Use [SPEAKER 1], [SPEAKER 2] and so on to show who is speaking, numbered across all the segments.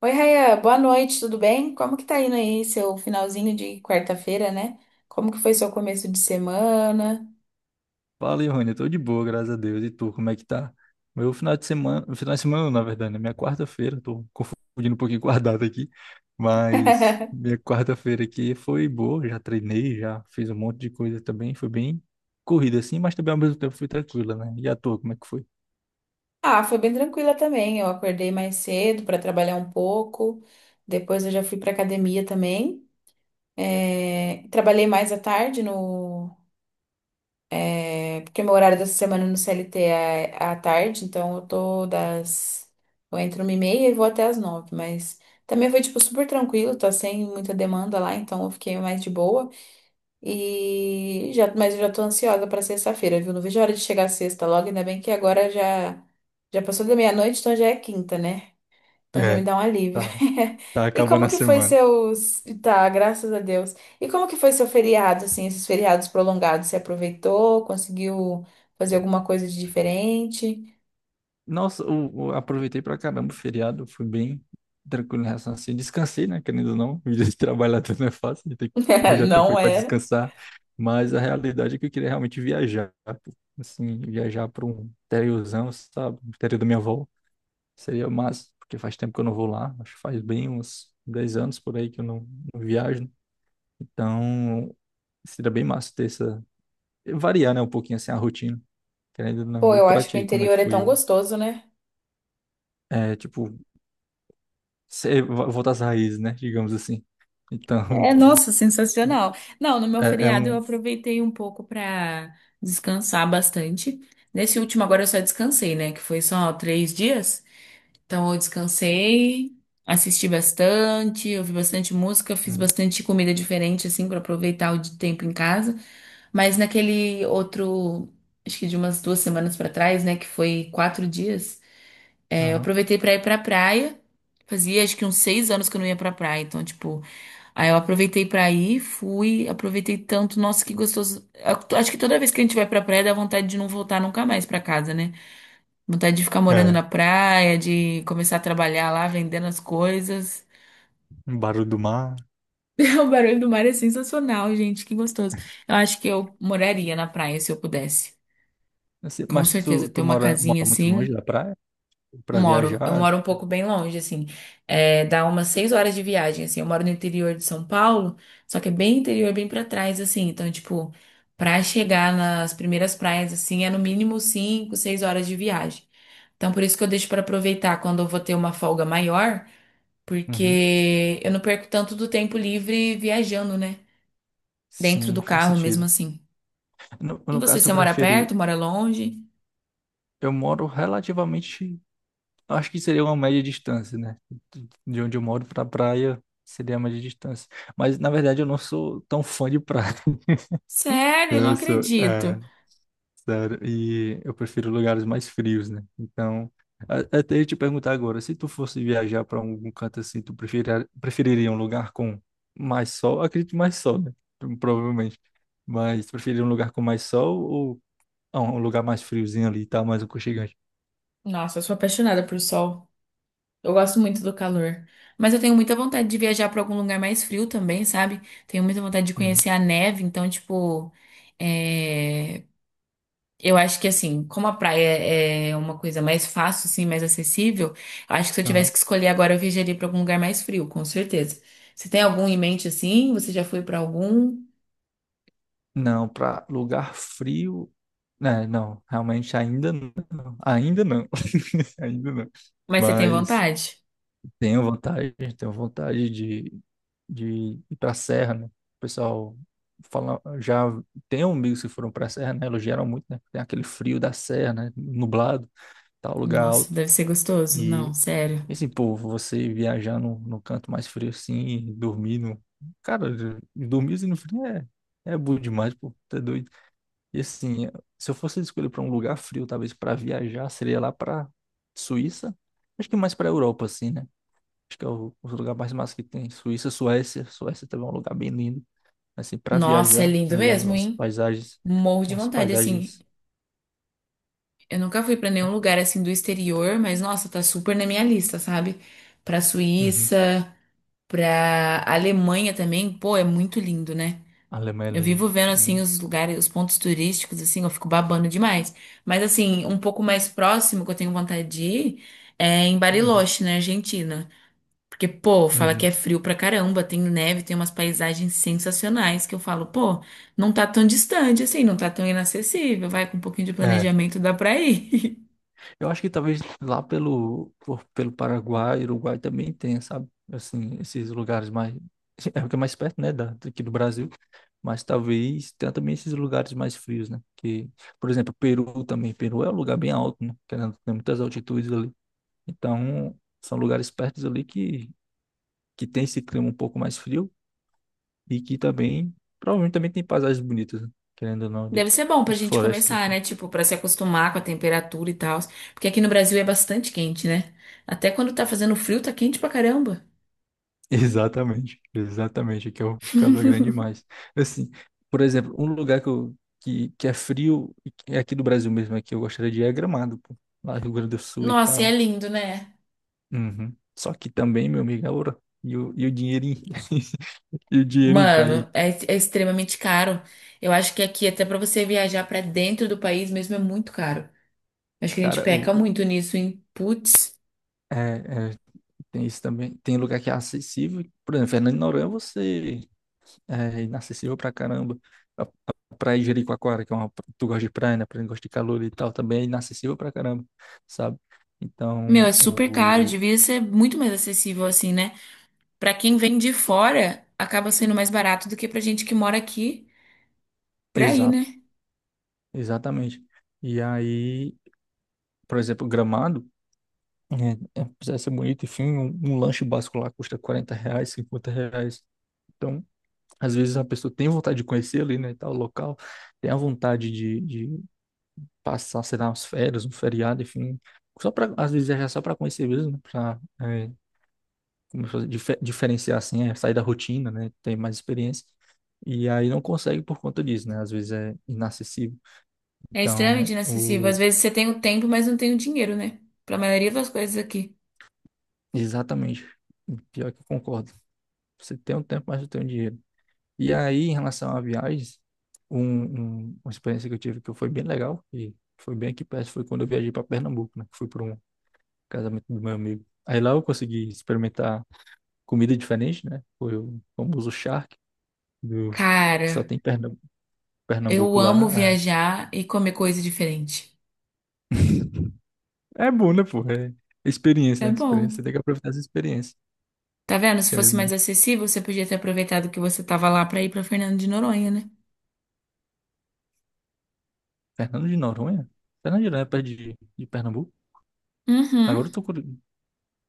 [SPEAKER 1] Oi, Raia, boa noite, tudo bem? Como que tá indo aí seu finalzinho de quarta-feira, né? Como que foi seu começo de semana?
[SPEAKER 2] Fala, Rony, eu tô de boa, graças a Deus. E tu, como é que tá? Meu final de semana, não, na verdade, né? Minha quarta-feira, tô confundindo um pouquinho com a data aqui, mas minha quarta-feira aqui foi boa, já treinei, já fiz um monte de coisa também, foi bem corrida assim, mas também ao mesmo tempo foi tranquila, né? E a tua, como é que foi?
[SPEAKER 1] Ah, foi bem tranquila também. Eu acordei mais cedo para trabalhar um pouco. Depois eu já fui para academia também. É, trabalhei mais à tarde no é, porque meu horário dessa semana no CLT é à tarde, então eu tô das eu entro 1h30 e vou até às 9h, mas também foi tipo super tranquilo, tá sem muita demanda lá, então eu fiquei mais de boa. E já, mas eu já tô ansiosa pra sexta-feira, viu? Não vejo a hora de chegar a sexta logo, ainda bem que agora já passou da meia-noite, então já é quinta, né? Então já me
[SPEAKER 2] É,
[SPEAKER 1] dá um alívio.
[SPEAKER 2] tá, tá
[SPEAKER 1] E
[SPEAKER 2] acabando
[SPEAKER 1] como
[SPEAKER 2] a
[SPEAKER 1] que foi
[SPEAKER 2] semana.
[SPEAKER 1] seus... Tá, graças a Deus. E como que foi seu feriado, assim, esses feriados prolongados? Você aproveitou? Conseguiu fazer alguma coisa de diferente?
[SPEAKER 2] Nossa, aproveitei pra caramba o feriado, fui bem tranquilo em relação a assim. Descansei, né? Querendo ou não, vida de trabalhador não é fácil, já tem que arranjar tempo
[SPEAKER 1] Não
[SPEAKER 2] para
[SPEAKER 1] é?
[SPEAKER 2] descansar. Mas a realidade é que eu queria realmente viajar, pô. Assim, viajar para um interiorzão, sabe? O interior da minha avó. Seria massa, porque faz tempo que eu não vou lá, acho que faz bem uns 10 anos por aí que eu não, não viajo. Então, seria bem massa ter essa. Variar, né, um pouquinho assim a rotina, querendo ou
[SPEAKER 1] Pô,
[SPEAKER 2] não. E
[SPEAKER 1] eu
[SPEAKER 2] pra
[SPEAKER 1] acho que o
[SPEAKER 2] ti, como é que
[SPEAKER 1] interior é
[SPEAKER 2] foi
[SPEAKER 1] tão
[SPEAKER 2] o.
[SPEAKER 1] gostoso, né?
[SPEAKER 2] É, tipo, se- voltar às raízes, né? Digamos assim. Então,
[SPEAKER 1] É, nossa, sensacional. Não, no meu
[SPEAKER 2] é, é
[SPEAKER 1] feriado eu
[SPEAKER 2] um.
[SPEAKER 1] aproveitei um pouco para descansar bastante. Nesse último agora eu só descansei, né? Que foi só 3 dias. Então eu descansei, assisti bastante, ouvi bastante música, fiz
[SPEAKER 2] Uhum.
[SPEAKER 1] bastante comida diferente, assim, para aproveitar o tempo em casa. Mas naquele outro, acho que de umas 2 semanas para trás, né? Que foi 4 dias, é, eu
[SPEAKER 2] Aham.
[SPEAKER 1] aproveitei para ir pra praia. Fazia acho que uns 6 anos que eu não ia pra praia, então, tipo. Aí eu aproveitei pra ir, fui, aproveitei tanto, nossa, que gostoso. Acho que toda vez que a gente vai pra praia dá vontade de não voltar nunca mais pra casa, né? Vontade de ficar morando na
[SPEAKER 2] É.
[SPEAKER 1] praia, de começar a trabalhar lá, vendendo as coisas.
[SPEAKER 2] Um barulho do mar.
[SPEAKER 1] O barulho do mar é sensacional, gente, que gostoso. Eu acho que eu moraria na praia se eu pudesse.
[SPEAKER 2] Assim,
[SPEAKER 1] Com
[SPEAKER 2] mas
[SPEAKER 1] certeza,
[SPEAKER 2] tu,
[SPEAKER 1] ter uma casinha
[SPEAKER 2] mora muito
[SPEAKER 1] assim.
[SPEAKER 2] longe da praia para
[SPEAKER 1] Moro, eu
[SPEAKER 2] viajar?
[SPEAKER 1] moro um pouco bem longe, assim, é, dá umas 6 horas de viagem, assim, eu moro no interior de São Paulo, só que é bem interior, bem pra trás, assim, então, tipo, pra chegar nas primeiras praias, assim, é no mínimo 5, 6 horas de viagem. Então, por isso que eu deixo pra aproveitar quando eu vou ter uma folga maior,
[SPEAKER 2] Uhum.
[SPEAKER 1] porque eu não perco tanto do tempo livre viajando, né? Dentro do
[SPEAKER 2] Sim, faz
[SPEAKER 1] carro mesmo
[SPEAKER 2] sentido.
[SPEAKER 1] assim.
[SPEAKER 2] No,
[SPEAKER 1] E
[SPEAKER 2] no
[SPEAKER 1] você, você
[SPEAKER 2] caso, tu
[SPEAKER 1] mora
[SPEAKER 2] prefere.
[SPEAKER 1] perto, mora longe?
[SPEAKER 2] Eu moro relativamente. Acho que seria uma média distância, né? De onde eu moro para praia seria a média distância. Mas, na verdade, eu não sou tão fã de praia.
[SPEAKER 1] Sério, eu não
[SPEAKER 2] Eu sou.
[SPEAKER 1] acredito.
[SPEAKER 2] Sério, e eu prefiro lugares mais frios, né? Então, até eu te perguntar agora, se tu fosse viajar para algum canto assim, preferiria um lugar com mais sol? Acredito que mais sol, né? Provavelmente. Mas tu preferiria um lugar com mais sol ou ah, um lugar mais friozinho ali, tá? Mais aconchegante.
[SPEAKER 1] Nossa, eu sou apaixonada por sol. Eu gosto muito do calor. Mas eu tenho muita vontade de viajar para algum lugar mais frio também, sabe? Tenho muita vontade de
[SPEAKER 2] Uhum.
[SPEAKER 1] conhecer a neve. Então, tipo, é, eu acho que assim, como a praia é uma coisa mais fácil, assim, mais acessível, eu acho que se eu tivesse
[SPEAKER 2] Aham.
[SPEAKER 1] que escolher agora, eu viajaria para algum lugar mais frio, com certeza. Você tem algum em mente assim? Você já foi para algum?
[SPEAKER 2] Não, para lugar frio, né? Não, realmente ainda não. Ainda não. Ainda não.
[SPEAKER 1] Mas você tem
[SPEAKER 2] Mas
[SPEAKER 1] vontade?
[SPEAKER 2] tenho vontade de ir para a serra, né? O pessoal fala, já tem amigos que foram para a serra, né? Elogiaram muito, né? Tem aquele frio da serra, né? Nublado, tal lugar
[SPEAKER 1] Nossa,
[SPEAKER 2] alto.
[SPEAKER 1] deve ser gostoso. Não,
[SPEAKER 2] E
[SPEAKER 1] sério.
[SPEAKER 2] assim, pô, você viajar no, no canto mais frio assim, dormir no... Cara, dormir assim no frio é, é bom demais, pô, tá doido. E assim, se eu fosse escolher para um lugar frio, talvez para viajar, seria lá para Suíça. Acho que mais para Europa, assim, né? Acho que é o lugar mais massa que tem. Suíça, Suécia. Suécia também é um lugar bem lindo assim, para
[SPEAKER 1] Nossa, é
[SPEAKER 2] viajar, né,
[SPEAKER 1] lindo
[SPEAKER 2] eu já vi
[SPEAKER 1] mesmo,
[SPEAKER 2] umas
[SPEAKER 1] hein?
[SPEAKER 2] paisagens,
[SPEAKER 1] Morro de
[SPEAKER 2] umas
[SPEAKER 1] vontade, assim.
[SPEAKER 2] paisagens.
[SPEAKER 1] Eu nunca fui pra nenhum lugar assim do exterior, mas nossa, tá super na minha lista, sabe? Pra
[SPEAKER 2] Uhum.
[SPEAKER 1] Suíça, pra Alemanha também, pô, é muito lindo, né?
[SPEAKER 2] A Alemanha é
[SPEAKER 1] Eu
[SPEAKER 2] linda,
[SPEAKER 1] vivo vendo
[SPEAKER 2] é
[SPEAKER 1] assim
[SPEAKER 2] linda.
[SPEAKER 1] os lugares, os pontos turísticos, assim, eu fico babando demais. Mas assim, um pouco mais próximo que eu tenho vontade de ir é em
[SPEAKER 2] Uhum.
[SPEAKER 1] Bariloche, na Argentina. Porque, pô, fala que
[SPEAKER 2] Uhum.
[SPEAKER 1] é frio pra caramba, tem neve, tem umas paisagens sensacionais que eu falo, pô, não tá tão distante assim, não tá tão inacessível, vai com um pouquinho de
[SPEAKER 2] É,
[SPEAKER 1] planejamento, dá pra ir.
[SPEAKER 2] eu acho que talvez lá pelo, pelo Paraguai, Uruguai também tenha, sabe? Assim, esses lugares mais. É porque é mais perto, né, daqui do Brasil. Mas talvez tenha também esses lugares mais frios, né? Que, por exemplo, Peru também. Peru é um lugar bem alto, né? Querendo, tem muitas altitudes ali. Então, são lugares perto ali que tem esse clima um pouco mais frio. E que também, provavelmente também tem paisagens bonitas, né? Querendo ou não, de,
[SPEAKER 1] Deve ser bom pra
[SPEAKER 2] as
[SPEAKER 1] gente
[SPEAKER 2] florestas,
[SPEAKER 1] começar,
[SPEAKER 2] enfim.
[SPEAKER 1] né? Tipo, pra se acostumar com a temperatura e tal. Porque aqui no Brasil é bastante quente, né? Até quando tá fazendo frio, tá quente pra caramba.
[SPEAKER 2] Exatamente, exatamente, que é o calor é grande demais. Assim, por exemplo, um lugar que, eu, que é frio, e que é aqui do Brasil mesmo, é que eu gostaria de ir é Gramado, pô. Lá Rio Grande do Sul e
[SPEAKER 1] Nossa, e é
[SPEAKER 2] tal.
[SPEAKER 1] lindo, né?
[SPEAKER 2] Uhum. Só que também, meu amigo, é ouro. E o dinheirinho, e o dinheirinho pra ir.
[SPEAKER 1] Mano, é, é extremamente caro. Eu acho que aqui, até pra você viajar pra dentro do país mesmo, é muito caro. Acho que a gente
[SPEAKER 2] Cara,
[SPEAKER 1] peca muito nisso, hein? Putz.
[SPEAKER 2] é, é, tem isso também. Tem lugar que é acessível. Por exemplo, Fernando de Noronha, você é inacessível pra caramba. A a praia de Jericoacoara, que é uma. Tu gosta de praia, né? Pra quem gosta de calor e tal, também é inacessível pra caramba, sabe?
[SPEAKER 1] Meu,
[SPEAKER 2] Então,
[SPEAKER 1] é super caro.
[SPEAKER 2] o.
[SPEAKER 1] Devia ser muito mais acessível assim, né? Pra quem vem de fora, acaba sendo mais barato do que pra gente que mora aqui pra ir,
[SPEAKER 2] Exato,
[SPEAKER 1] né?
[SPEAKER 2] exatamente. E aí, por exemplo, Gramado, é, é, precisa ser bonito, enfim, um lanche básico lá custa 40 reais, 50 reais. Então, às vezes a pessoa tem vontade de conhecer ali, né, tal local, tem a vontade de passar, sei lá, umas férias, um feriado, enfim, só para às vezes é só para conhecer mesmo, para como se diferenciar assim, é sair da rotina, né? Ter mais experiência. E aí não consegue por conta disso, né? Às vezes é inacessível.
[SPEAKER 1] É extremamente
[SPEAKER 2] Então,
[SPEAKER 1] inacessível. Às
[SPEAKER 2] o...
[SPEAKER 1] vezes você tem o tempo, mas não tem o dinheiro, né? Pra maioria das coisas aqui.
[SPEAKER 2] Exatamente. Pior que eu concordo. Você tem um tempo, mas não tem um dinheiro. E aí, em relação a viagens, um, uma experiência que eu tive que foi bem legal, e foi bem aqui perto, foi quando eu viajei para Pernambuco, né? Que fui para um casamento do meu amigo. Aí lá eu consegui experimentar comida diferente, né? Foi o famoso charque, do... Só
[SPEAKER 1] Cara,
[SPEAKER 2] tem
[SPEAKER 1] eu
[SPEAKER 2] Pernambuco
[SPEAKER 1] amo
[SPEAKER 2] lá.
[SPEAKER 1] viajar e comer coisa diferente.
[SPEAKER 2] É bom, né, pô? É experiência,
[SPEAKER 1] É
[SPEAKER 2] né?
[SPEAKER 1] bom.
[SPEAKER 2] Experiência. Você tem que aproveitar essa experiência.
[SPEAKER 1] Tá vendo? Se fosse
[SPEAKER 2] Querendo, ou
[SPEAKER 1] mais
[SPEAKER 2] não.
[SPEAKER 1] acessível, você podia ter aproveitado que você tava lá pra ir pra Fernando de Noronha, né?
[SPEAKER 2] Fernando de Noronha? Fernando de Noronha é perto de Pernambuco?
[SPEAKER 1] Uhum.
[SPEAKER 2] Agora eu tô curioso.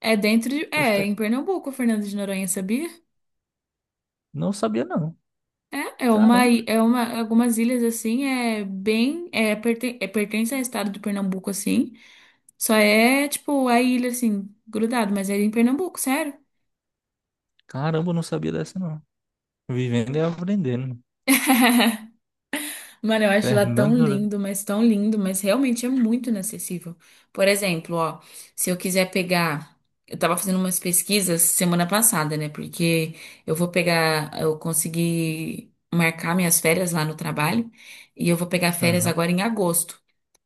[SPEAKER 1] É dentro de... É,
[SPEAKER 2] Poxa,
[SPEAKER 1] em Pernambuco, Fernando de Noronha, sabia?
[SPEAKER 2] não sabia, não.
[SPEAKER 1] É, é uma...
[SPEAKER 2] Caramba.
[SPEAKER 1] É uma... Algumas ilhas, assim, é bem... É, é pertence ao estado do Pernambuco, assim. Só é, tipo, a ilha, assim, grudado. Mas é em Pernambuco, sério.
[SPEAKER 2] Caramba, eu não sabia dessa, não. Vivendo e aprendendo.
[SPEAKER 1] Mano, eu acho lá
[SPEAKER 2] Fernando de Noronha.
[SPEAKER 1] tão lindo, mas realmente é muito inacessível. Por exemplo, ó, se eu quiser pegar. Eu tava fazendo umas pesquisas semana passada, né? Porque eu vou pegar. Eu consegui marcar minhas férias lá no trabalho e eu vou pegar férias
[SPEAKER 2] Aham.
[SPEAKER 1] agora em agosto.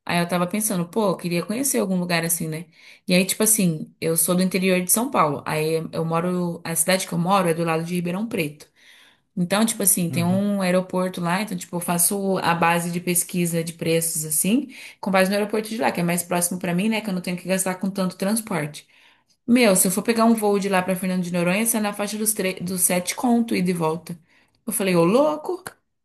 [SPEAKER 1] Aí eu tava pensando, pô, eu queria conhecer algum lugar assim, né? E aí, tipo assim, eu sou do interior de São Paulo. Aí eu moro. A cidade que eu moro é do lado de Ribeirão Preto. Então, tipo assim, tem
[SPEAKER 2] Uhum.
[SPEAKER 1] um aeroporto lá, então, tipo, eu faço a base de pesquisa de preços, assim, com base no aeroporto de lá, que é mais próximo pra mim, né, que eu não tenho que gastar com tanto transporte. Meu, se eu for pegar um voo de lá pra Fernando de Noronha, sai na faixa dos 7 conto e de volta. Eu falei, ô louco,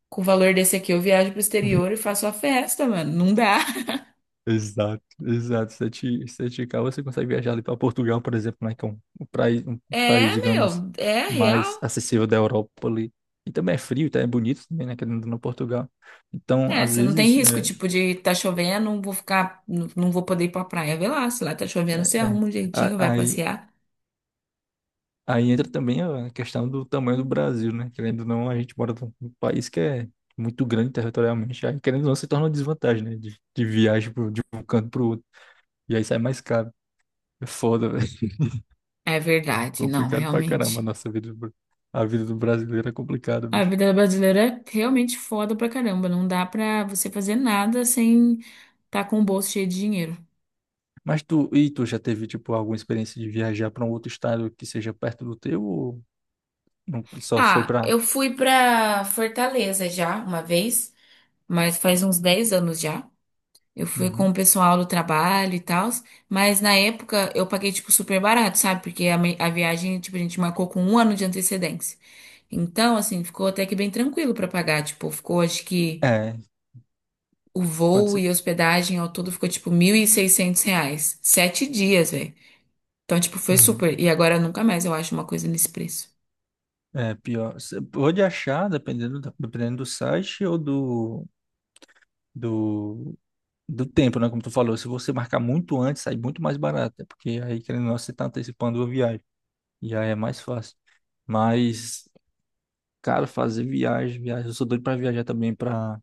[SPEAKER 1] com o valor desse aqui eu viajo pro exterior e faço a festa, mano, não dá.
[SPEAKER 2] Exato, exato. 7K você consegue viajar ali para Portugal, por exemplo, né, que é um, um país,
[SPEAKER 1] É,
[SPEAKER 2] digamos,
[SPEAKER 1] meu, é
[SPEAKER 2] mais
[SPEAKER 1] real.
[SPEAKER 2] acessível da Europa ali. E também é frio, tá? É bonito também, né, querendo ou não, Portugal. Então,
[SPEAKER 1] É,
[SPEAKER 2] às
[SPEAKER 1] você não tem
[SPEAKER 2] vezes,
[SPEAKER 1] risco, tipo, de tá chovendo, vou ficar, não vou poder ir pra praia. Vê lá, se lá tá chovendo, você
[SPEAKER 2] é.
[SPEAKER 1] arruma um jeitinho, vai
[SPEAKER 2] Aí,
[SPEAKER 1] passear.
[SPEAKER 2] aí entra também a questão do tamanho do Brasil, né? Querendo ou não, a gente mora num país que é muito grande territorialmente. Aí, querendo ou não, se torna uma desvantagem, né, de viagem pro, de um canto para o outro. E aí sai mais caro. É foda,
[SPEAKER 1] É verdade, não,
[SPEAKER 2] complicado pra caramba a
[SPEAKER 1] realmente.
[SPEAKER 2] nossa vida. A vida do brasileiro é complicada,
[SPEAKER 1] A
[SPEAKER 2] bicho.
[SPEAKER 1] vida brasileira é realmente foda pra caramba. Não dá pra você fazer nada sem tá com o bolso cheio de dinheiro.
[SPEAKER 2] Mas tu, e tu já teve, tipo, alguma experiência de viajar para um outro estado que seja perto do teu ou não, só foi
[SPEAKER 1] Ah,
[SPEAKER 2] pra.
[SPEAKER 1] eu fui pra Fortaleza já uma vez, mas faz uns 10 anos já. Eu fui com
[SPEAKER 2] Uhum.
[SPEAKER 1] o pessoal do trabalho e tal, mas na época eu paguei, tipo, super barato, sabe? Porque a viagem, tipo, a gente marcou com um ano de antecedência. Então, assim, ficou até que bem tranquilo pra pagar. Tipo, ficou, acho que
[SPEAKER 2] É,
[SPEAKER 1] o
[SPEAKER 2] quando
[SPEAKER 1] voo
[SPEAKER 2] você.
[SPEAKER 1] e hospedagem ao todo ficou, tipo, R$ 1.600. 7 dias, velho. Então, tipo, foi
[SPEAKER 2] Uhum.
[SPEAKER 1] super. E agora nunca mais eu acho uma coisa nesse preço.
[SPEAKER 2] É, pior. Você pode achar, dependendo, dependendo do site ou do, do, do tempo, né? Como tu falou, se você marcar muito antes, sai muito mais barato, né? Porque aí, querendo ou não, você tá antecipando a viagem. E aí é mais fácil. Mas cara, fazer viagem, viagem. Eu sou doido pra viajar também pra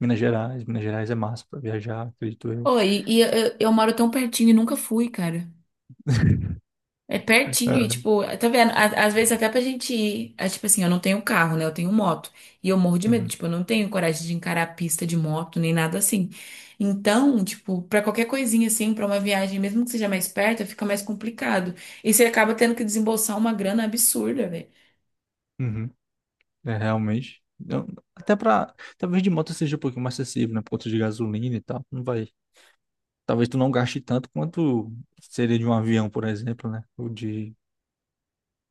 [SPEAKER 2] Minas Gerais. Minas Gerais é massa pra viajar, acredito eu.
[SPEAKER 1] Oi, e eu moro tão pertinho e nunca fui, cara. É pertinho, e
[SPEAKER 2] É.
[SPEAKER 1] tipo, tá vendo? Às vezes até pra gente ir. É, tipo assim, eu não tenho carro, né? Eu tenho moto. E eu morro de medo,
[SPEAKER 2] Uhum,
[SPEAKER 1] tipo, eu não tenho coragem de encarar a pista de moto, nem nada assim. Então, tipo, pra qualquer coisinha assim, pra uma viagem, mesmo que seja mais perto, fica mais complicado. E você acaba tendo que desembolsar uma grana absurda, velho.
[SPEAKER 2] uhum. É, realmente. Eu- até pra. Talvez de moto seja um pouquinho mais acessível, né? Por conta de gasolina e tal. Não vai. Talvez tu não gaste tanto quanto seria de um avião, por exemplo, né? Ou de.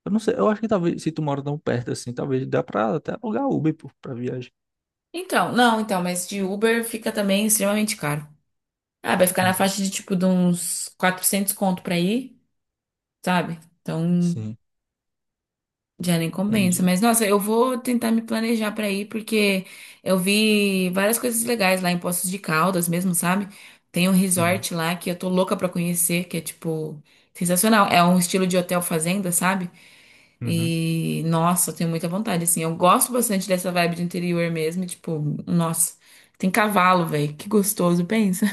[SPEAKER 2] Eu não sei. Eu acho que talvez se tu mora tão perto assim, talvez dá pra até alugar Uber, pô, pra viagem.
[SPEAKER 1] Então, não, então, mas de Uber fica também extremamente caro. Ah, vai ficar na
[SPEAKER 2] Uhum.
[SPEAKER 1] faixa de tipo de uns 400 conto pra ir, sabe? Então.
[SPEAKER 2] Sim,
[SPEAKER 1] Já nem compensa.
[SPEAKER 2] entendi.
[SPEAKER 1] Mas, nossa, eu vou tentar me planejar pra ir, porque eu vi várias coisas legais lá em Poços de Caldas mesmo, sabe? Tem um
[SPEAKER 2] Uhum,
[SPEAKER 1] resort lá que eu tô louca pra conhecer, que é, tipo, sensacional. É um estilo de hotel fazenda, sabe?
[SPEAKER 2] uhum.
[SPEAKER 1] E, nossa, eu tenho muita vontade, assim. Eu gosto bastante dessa vibe do interior mesmo, e, tipo, nossa, tem cavalo, velho. Que gostoso, pensa.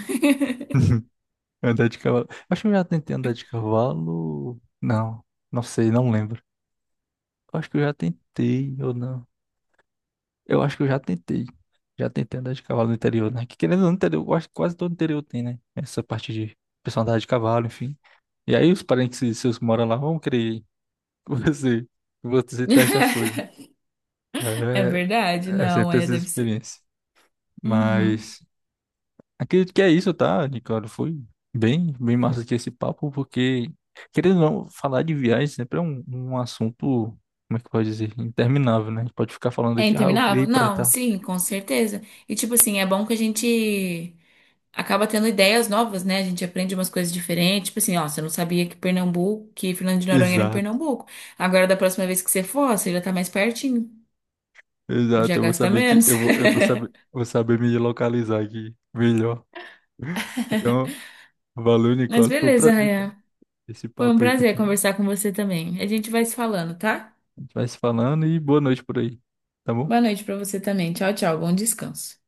[SPEAKER 2] Andar de cavalo. Acho que eu já tentei andar de cavalo. Não, não sei, não lembro. Acho que eu já tentei ou não. Eu acho que eu já tentei. Já tentei andar de cavalo no interior, né? Que querendo ou não, interior, eu acho que quase todo interior tem, né? Essa parte de pessoal andar de cavalo, enfim. E aí os parentes seus que moram lá vão querer que você teste as coisas.
[SPEAKER 1] É
[SPEAKER 2] É,
[SPEAKER 1] verdade,
[SPEAKER 2] é
[SPEAKER 1] não,
[SPEAKER 2] sempre
[SPEAKER 1] é,
[SPEAKER 2] essa
[SPEAKER 1] deve ser.
[SPEAKER 2] experiência.
[SPEAKER 1] Uhum.
[SPEAKER 2] Mas. Acredito que é isso, tá, Nicole? Foi bem, bem massa aqui esse papo, porque, querendo ou não, falar de viagem sempre é um, um assunto, como é que pode dizer, interminável, né? A gente pode ficar falando
[SPEAKER 1] É
[SPEAKER 2] aqui, ah, eu queria
[SPEAKER 1] interminável?
[SPEAKER 2] ir pra
[SPEAKER 1] Não,
[SPEAKER 2] tal.
[SPEAKER 1] sim, com certeza. E tipo assim, é bom que a gente acaba tendo ideias novas, né? A gente aprende umas coisas diferentes. Tipo assim, ó, você não sabia que Pernambuco, que Fernando de Noronha era em
[SPEAKER 2] Exato,
[SPEAKER 1] Pernambuco. Agora, da próxima vez que você for, ó, você já tá mais pertinho. Já
[SPEAKER 2] exato. Eu vou
[SPEAKER 1] gasta
[SPEAKER 2] saber que,
[SPEAKER 1] menos.
[SPEAKER 2] eu vou saber me localizar aqui melhor. Então, valeu,
[SPEAKER 1] Mas
[SPEAKER 2] Nicole. Foi um
[SPEAKER 1] beleza,
[SPEAKER 2] prazer tá?
[SPEAKER 1] Rayan.
[SPEAKER 2] Esse
[SPEAKER 1] Foi um
[SPEAKER 2] papo aí
[SPEAKER 1] prazer
[SPEAKER 2] contigo.
[SPEAKER 1] conversar com você também. A gente vai se falando, tá?
[SPEAKER 2] A gente vai se falando e boa noite por aí, tá bom?
[SPEAKER 1] Boa noite pra você também. Tchau, tchau. Bom descanso.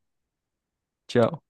[SPEAKER 2] Tchau.